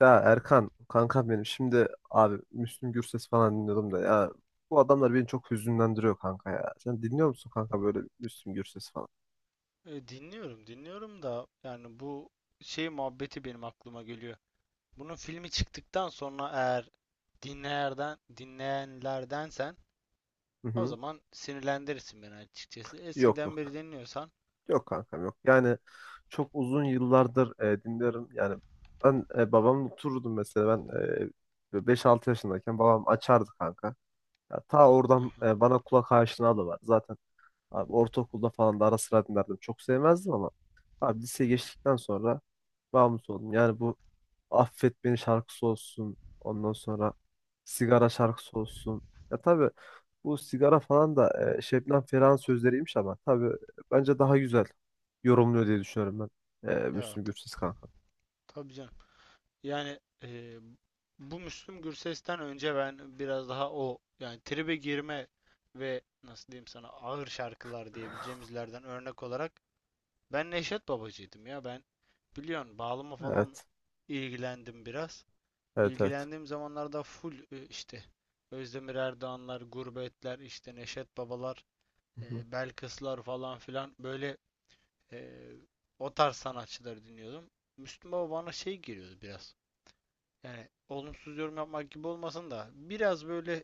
Ya Erkan, kankam benim. Şimdi abi Müslüm Gürses falan dinliyordum da ya bu adamlar beni çok hüzünlendiriyor kanka ya. Sen dinliyor musun kanka böyle Müslüm Gürses falan? Dinliyorum, dinliyorum da yani bu şey muhabbeti benim aklıma geliyor. Bunun filmi çıktıktan sonra eğer dinleyenlerdensen Hı o hı. zaman sinirlendirirsin beni açıkçası. Yok Eskiden beri yok. dinliyorsan. Yok kankam yok. Yani çok uzun yıllardır dinlerim. Yani ben babamla otururdum mesela ben e, böyle 5 yaşındayken babam açardı kanka. Ya, ta Hı oradan hı, bana kulak aşinalığı var. Zaten abi ortaokulda falan da ara sıra dinlerdim. Çok sevmezdim ama abi hı lise hı. geçtikten sonra bağımlısı oldum. Yani bu Affet Beni şarkısı olsun. Ondan sonra Sigara şarkısı olsun. Ya tabii bu sigara falan da Şebnem Ferah'ın sözleriymiş ama tabii bence daha güzel yorumluyor diye düşünüyorum ben. Ya Müslüm Gürses kanka. tabii canım. Yani bu Müslüm Gürses'ten önce ben biraz daha o yani tribe girme ve nasıl diyeyim sana ağır şarkılar diyebileceğimizlerden örnek olarak Ben Neşet Babacıydım ya ben. Biliyorsun bağlama falan Evet. ilgilendim biraz. Evet evet. İlgilendiğim zamanlarda full işte Özdemir Erdoğanlar, Gurbetler, işte Neşet Babalar, Hı hı. Belkıslar falan filan böyle e, o tarz sanatçıları dinliyordum. Müslüm Baba bana şey geliyordu biraz. Yani olumsuz yorum yapmak gibi olmasın da biraz böyle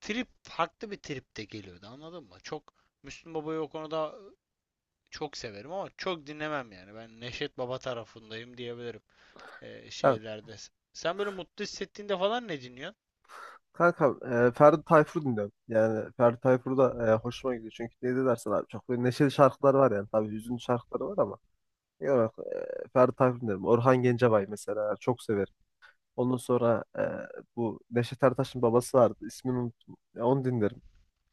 trip farklı bir trip de geliyordu anladın mı? Çok Müslüm Baba'yı o konuda çok severim ama çok dinlemem yani. Ben Neşet Baba tarafındayım diyebilirim Ya, şeylerde. Sen böyle mutlu hissettiğinde falan ne dinliyorsun? kanka Ferdi Tayfur dinliyorum. Yani Ferdi Tayfur da hoşuma gidiyor. Çünkü ne de dersen abi çok böyle neşeli şarkılar var yani. Tabii hüzünlü şarkıları var ama. Yani, Ferdi Tayfur dinliyorum. Orhan Gencebay mesela çok severim. Ondan sonra bu Neşet Ertaş'ın babası vardı. İsmini unuttum. Ya onu dinlerim.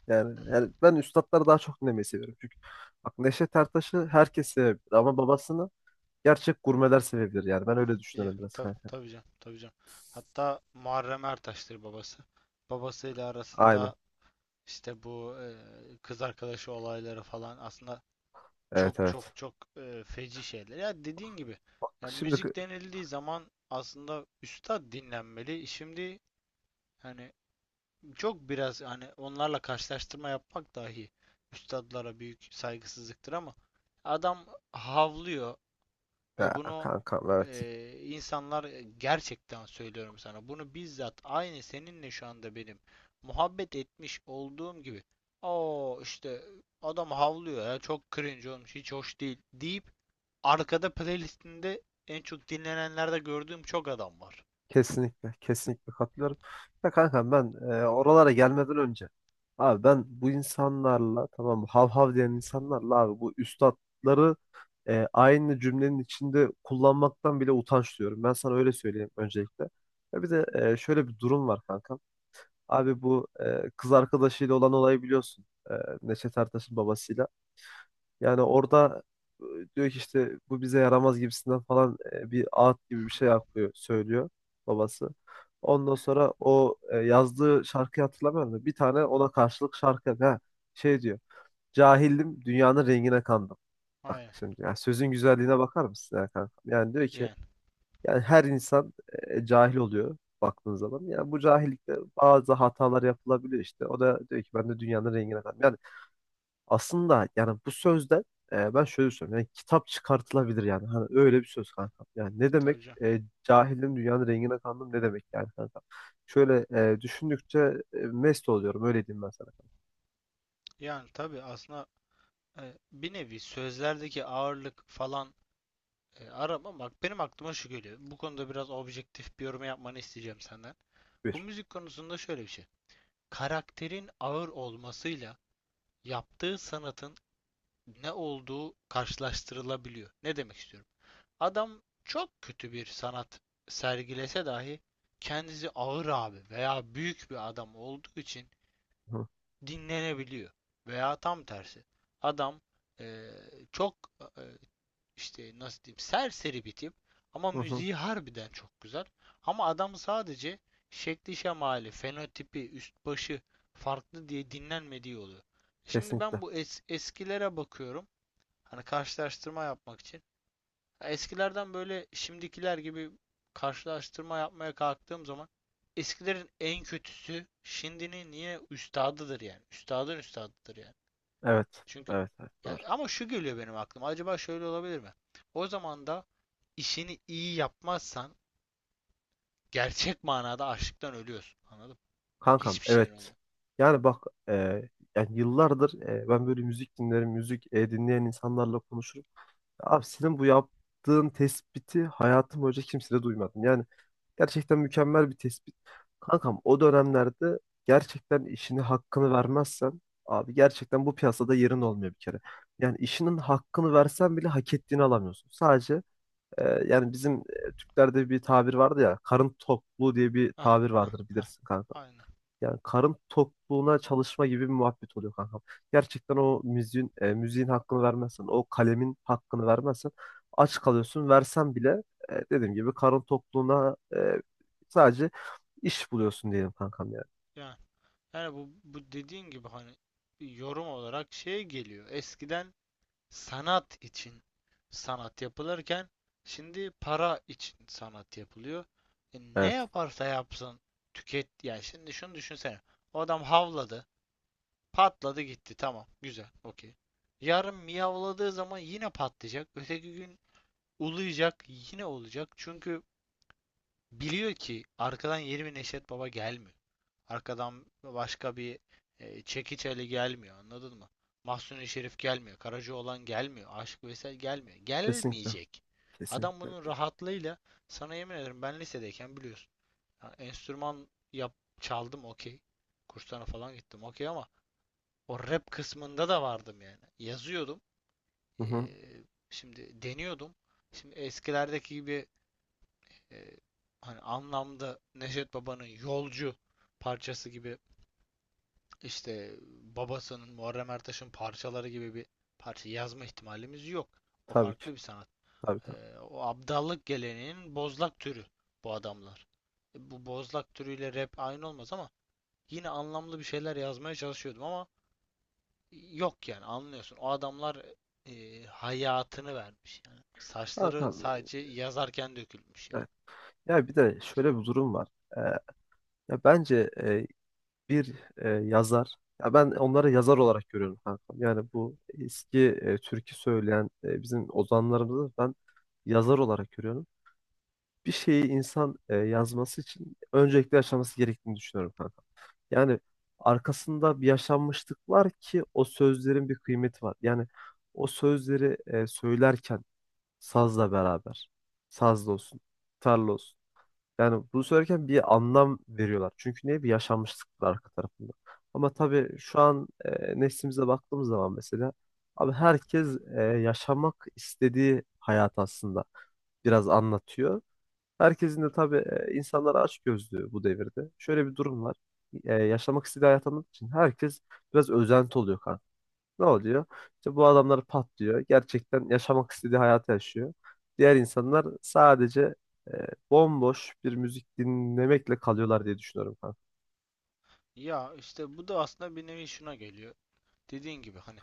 Hı hı. Yani ben üstatları daha çok dinlemeyi seviyorum. Çünkü bak Neşet Ertaş'ı herkes sevebilir ama babasını gerçek gurmeler sevebilir. Yani ben öyle Ya düşünüyorum biraz tabii kanka. tabii canım tabii canım. Hatta Muharrem Ertaş'tır babası. Babasıyla Aynen. arasında işte bu kız arkadaşı olayları falan aslında Evet çok çok evet. çok feci şeyler. Ya dediğin gibi Bak ya şimdi kı- müzik denildiği zaman aslında üstad dinlenmeli. Şimdi hani çok biraz hani onlarla karşılaştırma yapmak dahi üstadlara büyük saygısızlıktır ama adam havlıyor ya, ve bunu kankam evet. İnsanlar gerçekten söylüyorum sana bunu bizzat aynı seninle şu anda benim muhabbet etmiş olduğum gibi o işte adam havlıyor ya çok cringe olmuş hiç hoş değil deyip arkada playlistinde en çok dinlenenlerde gördüğüm çok adam var. Kesinlikle, kesinlikle katılıyorum. Ya kanka ben oralara gelmeden önce abi ben bu insanlarla tamam mı, hav hav diyen insanlarla abi bu üstatları aynı cümlenin içinde kullanmaktan bile utanç duyuyorum. Ben sana öyle söyleyeyim öncelikle. Ya bir de şöyle bir durum var kankam. Abi bu kız arkadaşıyla olan olayı biliyorsun. E, Neşet Ertaş'ın babasıyla. Yani orada e, diyor ki işte bu bize yaramaz gibisinden falan bir ağıt gibi bir şey yapıyor, söylüyor babası. Ondan sonra o yazdığı şarkıyı hatırlamıyorum da bir tane ona karşılık şarkı şey diyor. Cahildim dünyanın rengine kandım. Bak Aynen. şimdi yani sözün güzelliğine bakar mısın ya kanka? Yani diyor ki Yani. yani her insan cahil oluyor baktığın zaman. Yani bu cahillikte bazı hatalar yapılabiliyor işte. O da diyor ki ben de dünyanın rengine kandım. Yani aslında yani bu sözden ben şöyle söylüyorum. Yani kitap çıkartılabilir yani. Hani öyle bir söz kanka. Yani ne Tabii demek? canım. Cahilim dünyanın rengine kandım ne demek yani kanka? Şöyle düşündükçe mest oluyorum. Öyle diyeyim ben sana. Yani tabii aslında, bir nevi sözlerdeki ağırlık falan, arama bak benim aklıma şu geliyor. Bu konuda biraz objektif bir yorum yapmanı isteyeceğim senden. Bu Buyur. müzik konusunda şöyle bir şey. Karakterin ağır olmasıyla yaptığı sanatın ne olduğu karşılaştırılabiliyor. Ne demek istiyorum? Adam çok kötü bir sanat sergilese dahi kendisi ağır abi veya büyük bir adam olduğu için Hı dinlenebiliyor. Veya tam tersi. Adam eee, çok eee, işte nasıl diyeyim serseri bir tip ama hı. Hı. müziği harbiden çok güzel. Ama adam sadece şekli şemali, fenotipi, üst başı farklı diye dinlenmediği oluyor. Şimdi Kesinlikle. ben bu eskilere bakıyorum. Hani karşılaştırma yapmak için. Eskilerden böyle şimdikiler gibi karşılaştırma yapmaya kalktığım zaman eskilerin en kötüsü şimdinin niye üstadıdır yani. Üstadın üstadıdır yani. Evet. Çünkü Evet. Evet. Doğru. ya ama şu geliyor benim aklıma. Acaba şöyle olabilir mi? O zaman da işini iyi yapmazsan gerçek manada açlıktan ölüyorsun. Anladın mı? Kankam Hiçbir şeyin evet. olmuyor. Yani bak e, yani yıllardır ben böyle müzik dinlerim. Müzik dinleyen insanlarla konuşurum. Abi senin bu yaptığın tespiti hayatım boyunca kimse de duymadım. Yani gerçekten mükemmel bir tespit. Kankam o dönemlerde gerçekten işini hakkını vermezsen abi gerçekten bu piyasada yerin olmuyor bir kere. Yani işinin hakkını versen bile hak ettiğini alamıyorsun. Sadece yani bizim Türklerde bir tabir vardı ya karın tokluğu diye bir Hah, tabir hah, vardır hah. bilirsin kanka. Aynen. Yani karın tokluğuna çalışma gibi bir muhabbet oluyor kankam. Gerçekten o müziğin, müziğin hakkını vermezsen, o kalemin hakkını vermezsen aç kalıyorsun. Versen bile dediğim gibi karın tokluğuna sadece iş buluyorsun diyelim kankam yani. Yani, yani bu dediğin gibi hani yorum olarak şey geliyor. Eskiden sanat için sanat yapılırken şimdi para için sanat yapılıyor. E ne Evet. yaparsa yapsın tüket yani şimdi şunu düşünsene. O adam havladı. Patladı gitti. Tamam. Güzel. Okey. Yarın miyavladığı zaman yine patlayacak. Öteki gün uluyacak. Yine olacak. Çünkü biliyor ki arkadan yeni bir Neşet Baba gelmiyor. Arkadan başka bir Çekiç Ali gelmiyor. Anladın mı? Mahsuni Şerif gelmiyor. Karacaoğlan gelmiyor. Aşık Veysel gelmiyor. Kesinlikle. Gelmeyecek. Adam Kesinlikle. bunun rahatlığıyla sana yemin ederim ben lisedeyken biliyorsun. Ya enstrüman yap çaldım okey. Kurslarına falan gittim okey ama o rap kısmında da vardım yani. Yazıyordum. Hı Ee, hı. Şimdi deniyordum. Şimdi eskilerdeki gibi e, hani anlamda Neşet Baba'nın Yolcu parçası gibi işte babasının Muharrem Ertaş'ın parçaları gibi bir parça yazma ihtimalimiz yok. O Tabii ki. farklı bir sanat. Tabii Ee, tabii. O abdallık geleneğinin bozlak türü bu adamlar. Bu bozlak türüyle rap aynı olmaz ama yine anlamlı bir şeyler yazmaya çalışıyordum ama yok yani anlıyorsun. O adamlar hayatını vermiş yani. Saçları Kankam, sadece yazarken dökülmüş evet. yani. Ya bir de şöyle bir durum var. E, ya bence bir yazar. Ya ben onları yazar olarak görüyorum kanka. Yani bu eski türkü söyleyen bizim ozanlarımızı ben yazar olarak görüyorum. Bir şeyi insan yazması için öncelikle yaşaması gerektiğini düşünüyorum kanka. Yani arkasında bir yaşanmışlık var ki o sözlerin bir kıymeti var. Yani o sözleri söylerken sazla beraber, sazla olsun, tarla olsun. Yani bunu söylerken bir anlam veriyorlar. Çünkü niye? Bir yaşanmışlık var arka tarafında. Ama tabii şu an neslimize baktığımız zaman mesela abi herkes yaşamak istediği hayat aslında biraz anlatıyor. Herkesin de tabii insanlar açgözlü bu devirde. Şöyle bir durum var. Yaşamak istediği hayat anlattığı için herkes biraz özenti oluyor ne oluyor? İşte bu adamlar patlıyor. Gerçekten yaşamak istediği hayatı yaşıyor. Diğer insanlar sadece e, bomboş bir müzik dinlemekle kalıyorlar diye düşünüyorum kanka. Ya işte bu da aslında bir nevi şuna geliyor. Dediğin gibi hani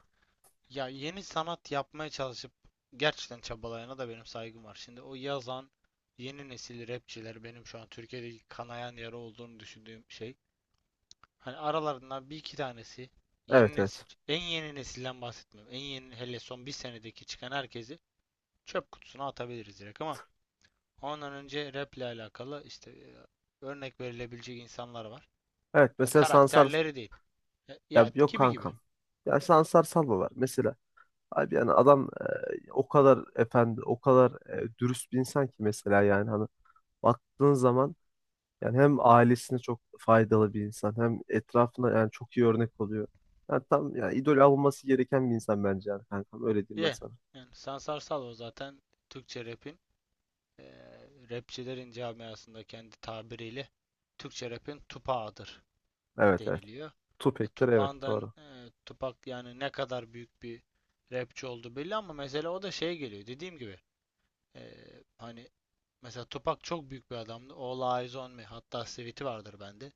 ya yeni sanat yapmaya çalışıp gerçekten çabalayana da benim saygım var. Şimdi o yazan yeni nesil rapçiler benim şu an Türkiye'deki kanayan yara olduğunu düşündüğüm şey. Hani aralarından bir iki tanesi yeni Evet evet. nesil. En yeni nesilden bahsetmiyorum. En yeni hele son bir senedeki çıkan herkesi çöp kutusuna atabiliriz direkt ama ondan önce rap ile alakalı işte örnek verilebilecek insanlar var. Evet Ya mesela Sansar karakterleri değil. Ya, ya ya yok gibi gibi. kankam. Ya Sansar Salvo var mesela. Abi yani adam o kadar efendi, o kadar dürüst bir insan ki mesela yani hani baktığın zaman yani hem ailesine çok faydalı bir insan hem etrafına yani çok iyi örnek oluyor. Yani tam yani idol alınması gereken bir insan bence yani kankam öyle diyeyim ben Ya, sana. yani Sansar Salo zaten Türkçe rap'in e, rapçilerin camiasında kendi tabiriyle Türkçe rap'in tupağıdır Evet evet. deniliyor. Tupek'tir evet doğru. Tupac yani ne kadar büyük bir rapçi oldu belli ama mesela o da şey geliyor dediğim gibi e, hani mesela Tupac çok büyük bir adamdı. All Eyes On Me hatta Sweet'i vardır bende.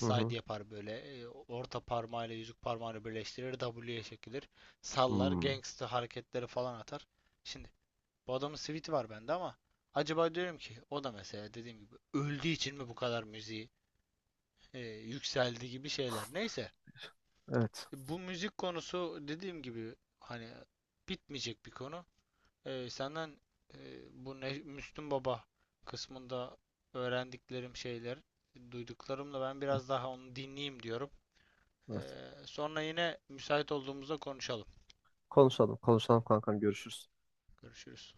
Hı hı. yapar böyle orta parmağıyla yüzük parmağını birleştirir W'ye çekilir sallar Hmm. gangsta hareketleri falan atar. Şimdi bu adamın Sweet'i var bende ama acaba diyorum ki o da mesela dediğim gibi öldüğü için mi bu kadar müziği e, yükseldi gibi şeyler. Neyse Evet. bu müzik konusu dediğim gibi hani bitmeyecek bir konu. Senden bu Müslüm Baba kısmında öğrendiklerim şeyler, duyduklarımla ben Evet. biraz daha onu dinleyeyim diyorum. Evet. Sonra yine müsait olduğumuzda konuşalım. Konuşalım konuşalım kankam görüşürüz. Görüşürüz.